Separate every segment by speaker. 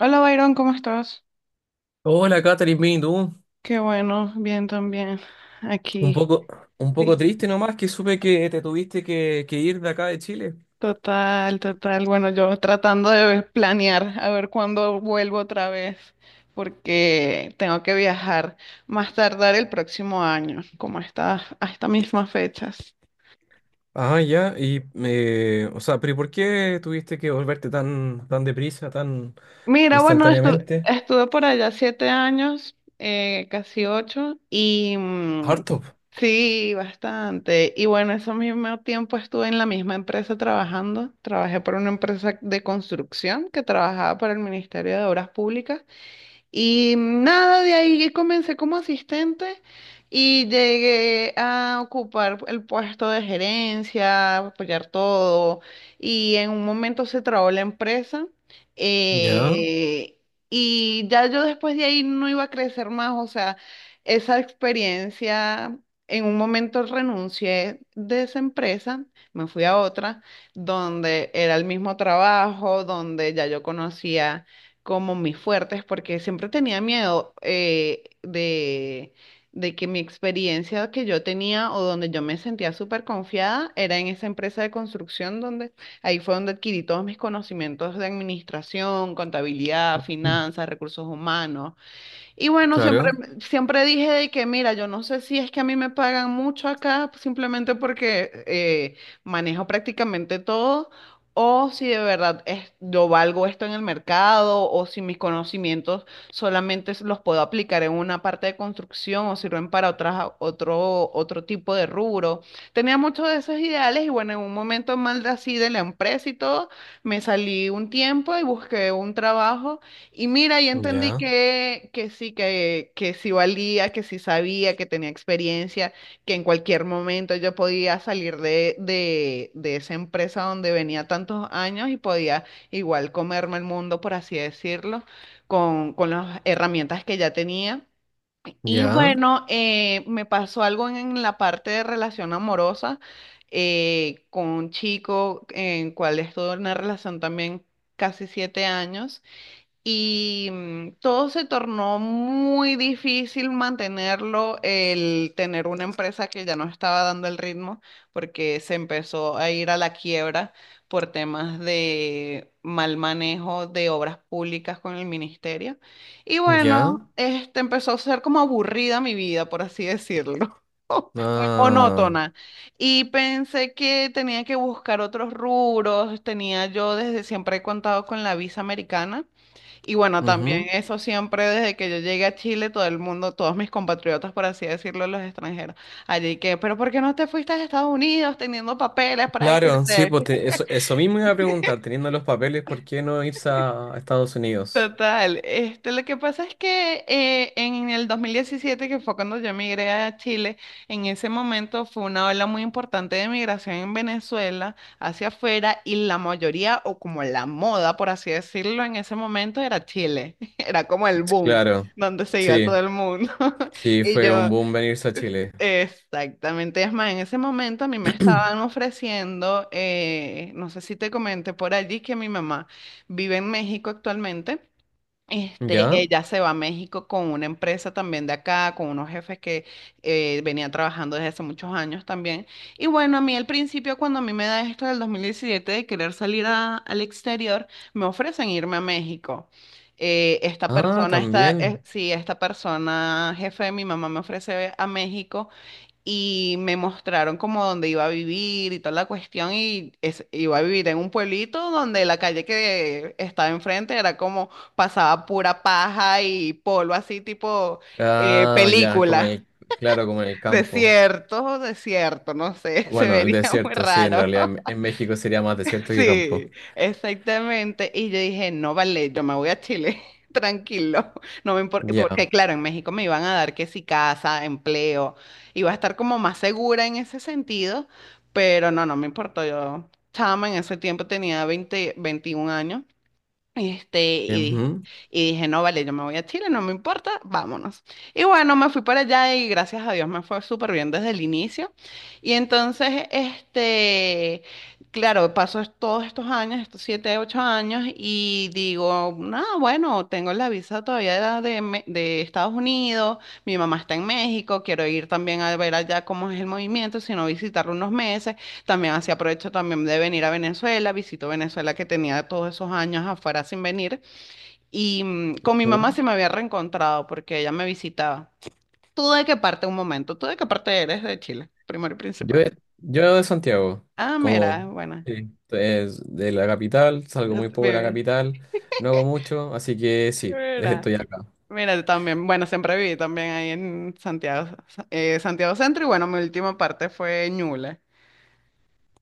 Speaker 1: Hola Byron, ¿cómo estás?
Speaker 2: Hola, Catherine, bien, ¿y tú?
Speaker 1: Qué bueno, bien también.
Speaker 2: Un
Speaker 1: Aquí.
Speaker 2: poco, un poco
Speaker 1: Sí.
Speaker 2: triste nomás que supe que te tuviste que ir de acá de Chile.
Speaker 1: Total, total. Bueno, yo tratando de planear a ver cuándo vuelvo otra vez, porque tengo que viajar más tardar el próximo año, como a estas mismas fechas.
Speaker 2: Pero ¿y por qué tuviste que volverte tan deprisa, tan
Speaker 1: Mira, bueno,
Speaker 2: instantáneamente?
Speaker 1: estuve por allá 7 años, casi ocho, y
Speaker 2: Harto.
Speaker 1: sí, bastante. Y bueno, ese mismo tiempo estuve en la misma empresa trabajando. Trabajé por una empresa de construcción que trabajaba para el Ministerio de Obras Públicas. Y nada, de ahí comencé como asistente y llegué a ocupar el puesto de gerencia, apoyar todo. Y en un momento se trabó la empresa.
Speaker 2: Ya.
Speaker 1: eh, y ya yo después de ahí no iba a crecer más. O sea, esa experiencia, en un momento renuncié de esa empresa, me fui a otra, donde era el mismo trabajo, donde ya yo conocía como mis fuertes, porque siempre tenía miedo de que mi experiencia que yo tenía o donde yo me sentía súper confiada era en esa empresa de construcción donde ahí fue donde adquirí todos mis conocimientos de administración, contabilidad,
Speaker 2: Mm,
Speaker 1: finanzas, recursos humanos, y bueno, siempre,
Speaker 2: claro,
Speaker 1: siempre dije de que, mira, yo no sé si es que a mí me pagan mucho acá simplemente porque manejo prácticamente todo, o si de verdad es, yo valgo esto en el mercado, o si mis conocimientos solamente los puedo aplicar en una parte de construcción o sirven para otras, otro, otro tipo de rubro. Tenía muchos de esos ideales y bueno, en un momento mal de así de la empresa y todo, me salí un tiempo y busqué un trabajo y mira, y entendí
Speaker 2: ya,
Speaker 1: que sí valía, que sí sabía, que tenía experiencia, que en cualquier momento yo podía salir de esa empresa donde venía tantos años y podía igual comerme el mundo, por así decirlo, con las herramientas que ya tenía. Y
Speaker 2: ya,
Speaker 1: bueno, me pasó algo en la parte de relación amorosa con un chico en cual estuve en una relación también casi 7 años. Y todo se tornó muy difícil mantenerlo, el tener una empresa que ya no estaba dando el ritmo, porque se empezó a ir a la quiebra por temas de mal manejo de obras públicas con el ministerio. Y bueno,
Speaker 2: ya.
Speaker 1: este empezó a ser como aburrida mi vida, por así decirlo, muy
Speaker 2: ah,
Speaker 1: monótona. Y pensé que tenía que buscar otros rubros, tenía yo desde siempre he contado con la visa americana. Y bueno, también
Speaker 2: Ujú.
Speaker 1: eso siempre desde que yo llegué a Chile, todo el mundo, todos mis compatriotas, por así decirlo, los extranjeros, allí que, pero ¿por qué no te fuiste a Estados Unidos teniendo papeles para
Speaker 2: Claro, sí,
Speaker 1: irte?
Speaker 2: pues eso, eso mismo iba a preguntar, teniendo los papeles, ¿por qué no irse a Estados Unidos?
Speaker 1: Total, este, lo que pasa es que en el 2017, que fue cuando yo emigré a Chile, en ese momento fue una ola muy importante de migración en Venezuela hacia afuera y la mayoría, o como la moda, por así decirlo, en ese momento era Chile, era como el boom,
Speaker 2: Claro,
Speaker 1: donde se iba todo
Speaker 2: sí.
Speaker 1: el mundo.
Speaker 2: Sí,
Speaker 1: Y
Speaker 2: fue un
Speaker 1: yo,
Speaker 2: boom venirse a Chile.
Speaker 1: exactamente, es más, en ese momento a mí me estaban ofreciendo, no sé si te comenté por allí, que mi mamá vive en México actualmente. Este,
Speaker 2: ¿Ya?
Speaker 1: ella se va a México con una empresa también de acá, con unos jefes que venían trabajando desde hace muchos años también. Y bueno, a mí al principio, cuando a mí me da esto del 2017 de querer salir al exterior, me ofrecen irme a México.
Speaker 2: Ah, también.
Speaker 1: Esta persona, jefe de mi mamá, me ofrece a México y me mostraron como dónde iba a vivir y toda la cuestión y iba a vivir en un pueblito donde la calle que estaba enfrente era como pasaba pura paja y polvo así tipo
Speaker 2: Ah, ya, como
Speaker 1: película.
Speaker 2: el, claro, como en el campo.
Speaker 1: Desierto, desierto, no sé, se
Speaker 2: Bueno, el
Speaker 1: vería muy
Speaker 2: desierto, sí, en
Speaker 1: raro.
Speaker 2: realidad en México sería más desierto que campo.
Speaker 1: Sí, exactamente. Y yo dije, no vale, yo me voy a Chile, tranquilo. No me importa, porque
Speaker 2: Ya.
Speaker 1: claro, en México me iban a dar que si casa, empleo, iba a estar como más segura en ese sentido, pero no, no me importó. Yo, chama, en ese tiempo tenía 20, 21 años este,
Speaker 2: y-
Speaker 1: y,
Speaker 2: ujú,
Speaker 1: y dije, no, vale, yo me voy a Chile, no me importa, vámonos. Y bueno, me fui para allá y gracias a Dios me fue súper bien desde el inicio. Y entonces, este, claro, todos estos años, estos 7, 8 años, y digo, no, bueno, tengo la visa todavía de Estados Unidos, mi mamá está en México, quiero ir también a ver allá cómo es el movimiento, sino visitarlo unos meses también así aprovecho también de venir a Venezuela, visito Venezuela que tenía todos esos años afuera sin venir y con mi mamá
Speaker 2: Ujú.
Speaker 1: se me había reencontrado porque ella me visitaba. ¿Tú de qué parte, un momento, tú de qué parte eres de Chile, primero y
Speaker 2: Yo,
Speaker 1: principal?
Speaker 2: yo de Santiago,
Speaker 1: Ah,
Speaker 2: como
Speaker 1: mira, bueno,
Speaker 2: sí, es de la capital, salgo
Speaker 1: yo
Speaker 2: muy poco de la
Speaker 1: viví,
Speaker 2: capital, no hago mucho, así que sí,
Speaker 1: mira,
Speaker 2: estoy acá.
Speaker 1: mira, yo también, bueno, siempre viví también ahí en Santiago, Santiago Centro y bueno, mi última parte fue Ñuble.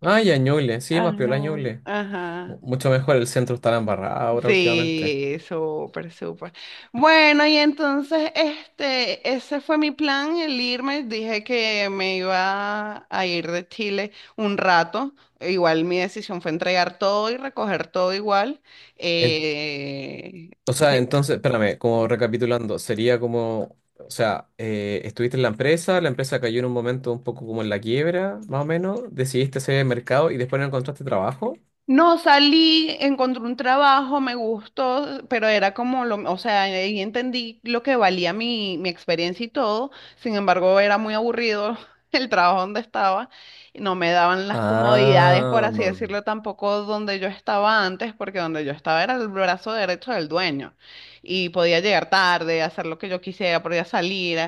Speaker 2: Ah, ya, Ñuble, sí, más piola
Speaker 1: Ajá,
Speaker 2: Ñuble.
Speaker 1: ajá.
Speaker 2: Mucho mejor, el centro está embarrado ahora últimamente.
Speaker 1: Sí, súper, súper. Bueno, y entonces este, ese fue mi plan, el irme. Dije que me iba a ir de Chile un rato. Igual mi decisión fue entregar todo y recoger todo igual. Eh,
Speaker 2: O sea, entonces, espérame, como
Speaker 1: Sí.
Speaker 2: recapitulando, sería como, estuviste en la empresa cayó en un momento un poco como en la quiebra, más o menos, decidiste hacer el mercado y después no encontraste trabajo.
Speaker 1: No, salí, encontré un trabajo, me gustó, pero era como lo, o sea, ahí entendí lo que valía mi, mi experiencia y todo. Sin embargo, era muy aburrido el trabajo donde estaba. Y no me daban las comodidades, por
Speaker 2: Ah,
Speaker 1: así decirlo, tampoco donde yo estaba antes, porque donde yo estaba era el brazo derecho del dueño. Y podía llegar tarde, hacer lo que yo quisiera, podía salir.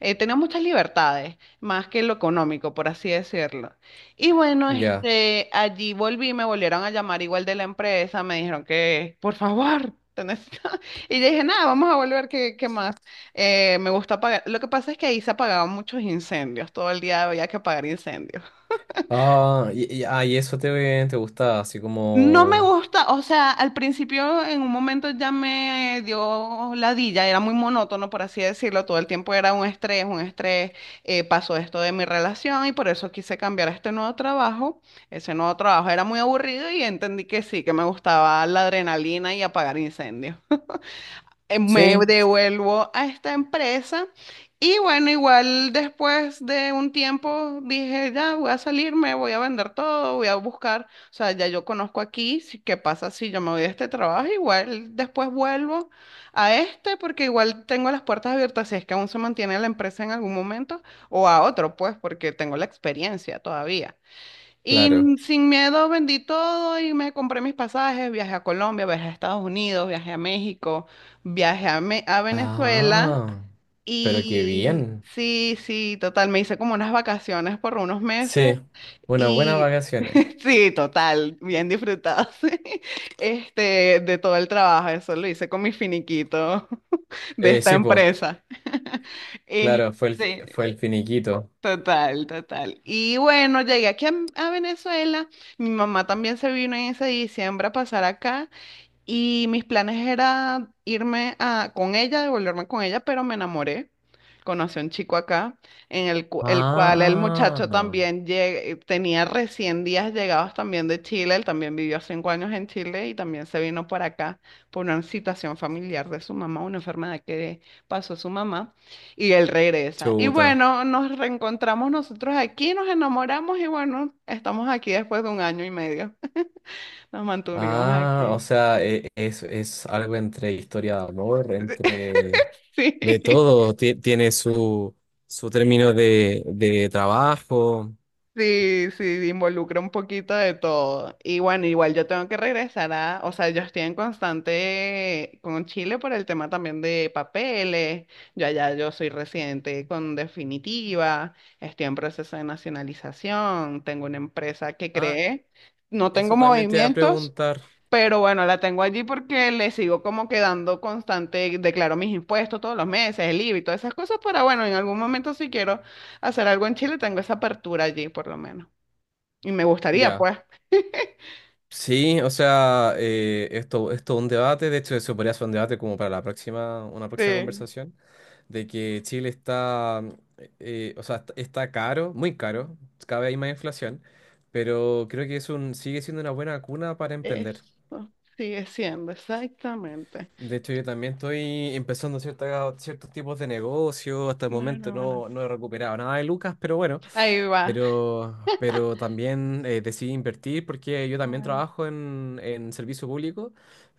Speaker 1: Tenía muchas libertades, más que lo económico, por así decirlo. Y bueno,
Speaker 2: ya.
Speaker 1: este, allí volví, me volvieron a llamar igual de la empresa, me dijeron que, por favor, te necesito. Y yo dije, nada, vamos a volver, ¿qué, qué más? Me gusta apagar. Lo que pasa es que ahí se apagaban muchos incendios, todo el día había que apagar incendios.
Speaker 2: Ah, y eso te, te gustaba, así
Speaker 1: No me
Speaker 2: como...
Speaker 1: gusta, o sea, al principio en un momento ya me dio ladilla, era muy monótono, por así decirlo, todo el tiempo era un estrés, pasó esto de mi relación y por eso quise cambiar a este nuevo trabajo. Ese nuevo trabajo era muy aburrido y entendí que sí, que me gustaba la adrenalina y apagar incendios me
Speaker 2: Sí,
Speaker 1: devuelvo a esta empresa y bueno, igual después de un tiempo dije, ya voy a salirme, voy a vender todo, voy a buscar, o sea, ya yo conozco aquí, qué pasa si yo me voy de este trabajo, igual después vuelvo a este porque igual tengo las puertas abiertas si es que aún se mantiene la empresa en algún momento o a otro, pues porque tengo la experiencia todavía. Y
Speaker 2: claro.
Speaker 1: sin miedo vendí todo y me compré mis pasajes, viajé a Colombia, viajé a Estados Unidos, viajé a México, viajé a, a Venezuela
Speaker 2: Ah, pero qué
Speaker 1: y
Speaker 2: bien.
Speaker 1: sí, sí, total, me hice como unas vacaciones por unos meses
Speaker 2: Sí, unas buenas
Speaker 1: y
Speaker 2: vacaciones.
Speaker 1: sí, total, bien disfrutado, sí, este, de todo el trabajo, eso lo hice con mi finiquito de esta
Speaker 2: Sí, pues,
Speaker 1: empresa.
Speaker 2: claro,
Speaker 1: Este,
Speaker 2: fue el finiquito.
Speaker 1: total, total. Y bueno, llegué aquí a Venezuela. Mi mamá también se vino en ese diciembre a pasar acá. Y mis planes era irme a, con ella, devolverme con ella, pero me enamoré. Conocí a un chico acá, en el, el cual el
Speaker 2: Ah.
Speaker 1: muchacho también tenía recién días llegados también de Chile. Él también vivió 5 años en Chile y también se vino para acá por una situación familiar de su mamá, una enfermedad que pasó su mamá. Y él regresa. Y
Speaker 2: Chuta.
Speaker 1: bueno, nos reencontramos nosotros aquí, nos enamoramos y bueno, estamos aquí después de un año y medio. Nos mantuvimos
Speaker 2: Ah, o
Speaker 1: aquí.
Speaker 2: sea, es algo entre historia de amor, entre de
Speaker 1: Sí.
Speaker 2: todo. Tiene su, su término de trabajo.
Speaker 1: Sí, sí, involucra un poquito de todo. Y bueno, igual yo tengo que regresar a, o sea, yo estoy en constante con Chile por el tema también de papeles. Yo allá yo soy residente con definitiva, estoy en proceso de nacionalización, tengo una empresa que
Speaker 2: Ah,
Speaker 1: creé, no tengo
Speaker 2: eso también te voy a
Speaker 1: movimientos,
Speaker 2: preguntar.
Speaker 1: pero bueno, la tengo allí porque le sigo como quedando constante, declaro mis impuestos todos los meses, el IVA y todas esas cosas, para bueno, en algún momento si quiero hacer algo en Chile, tengo esa apertura allí por lo menos. Y me gustaría,
Speaker 2: Ya.
Speaker 1: pues.
Speaker 2: Sí, o sea, esto, esto es un debate, de hecho eso podría ser un debate como para la próxima, una próxima
Speaker 1: Sí,
Speaker 2: conversación, de que Chile está, está caro, muy caro, cada vez hay más inflación, pero creo que es un, sigue siendo una buena cuna para emprender.
Speaker 1: eso sigue siendo exactamente.
Speaker 2: De hecho, yo también estoy empezando ciertos tipos de negocios, hasta el momento
Speaker 1: Bueno, bueno,
Speaker 2: no, no he recuperado nada de lucas, pero bueno.
Speaker 1: ahí va.
Speaker 2: Pero también decidí invertir porque yo también
Speaker 1: Bueno,
Speaker 2: trabajo en servicio público,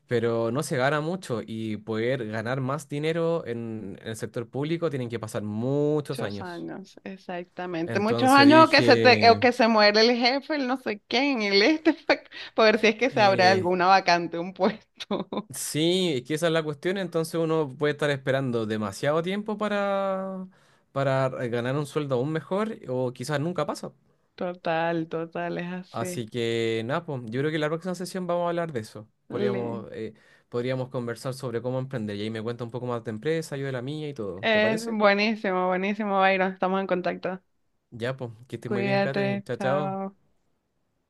Speaker 2: pero no se gana mucho y poder ganar más dinero en el sector público tienen que pasar muchos
Speaker 1: muchos
Speaker 2: años.
Speaker 1: años, exactamente. Muchos
Speaker 2: Entonces
Speaker 1: años o que se te, o
Speaker 2: dije,
Speaker 1: que se muere el jefe, el no sé quién, el este, para ver si es que se abre
Speaker 2: eh,
Speaker 1: alguna vacante, un puesto.
Speaker 2: sí, es que esa es la cuestión, entonces uno puede estar esperando demasiado tiempo para ganar un sueldo aún mejor o quizás nunca pasa.
Speaker 1: Total, total, es así.
Speaker 2: Así que nada, pues, yo creo que la próxima sesión vamos a hablar de eso.
Speaker 1: Le-
Speaker 2: Podríamos, podríamos conversar sobre cómo emprender y ahí me cuenta un poco más de empresa, yo de la mía y todo. ¿Te
Speaker 1: Es
Speaker 2: parece?
Speaker 1: buenísimo, buenísimo, Byron. Estamos en contacto.
Speaker 2: Ya, pues, que estés muy bien, Catherine.
Speaker 1: Cuídate,
Speaker 2: Chao, chao.
Speaker 1: chao.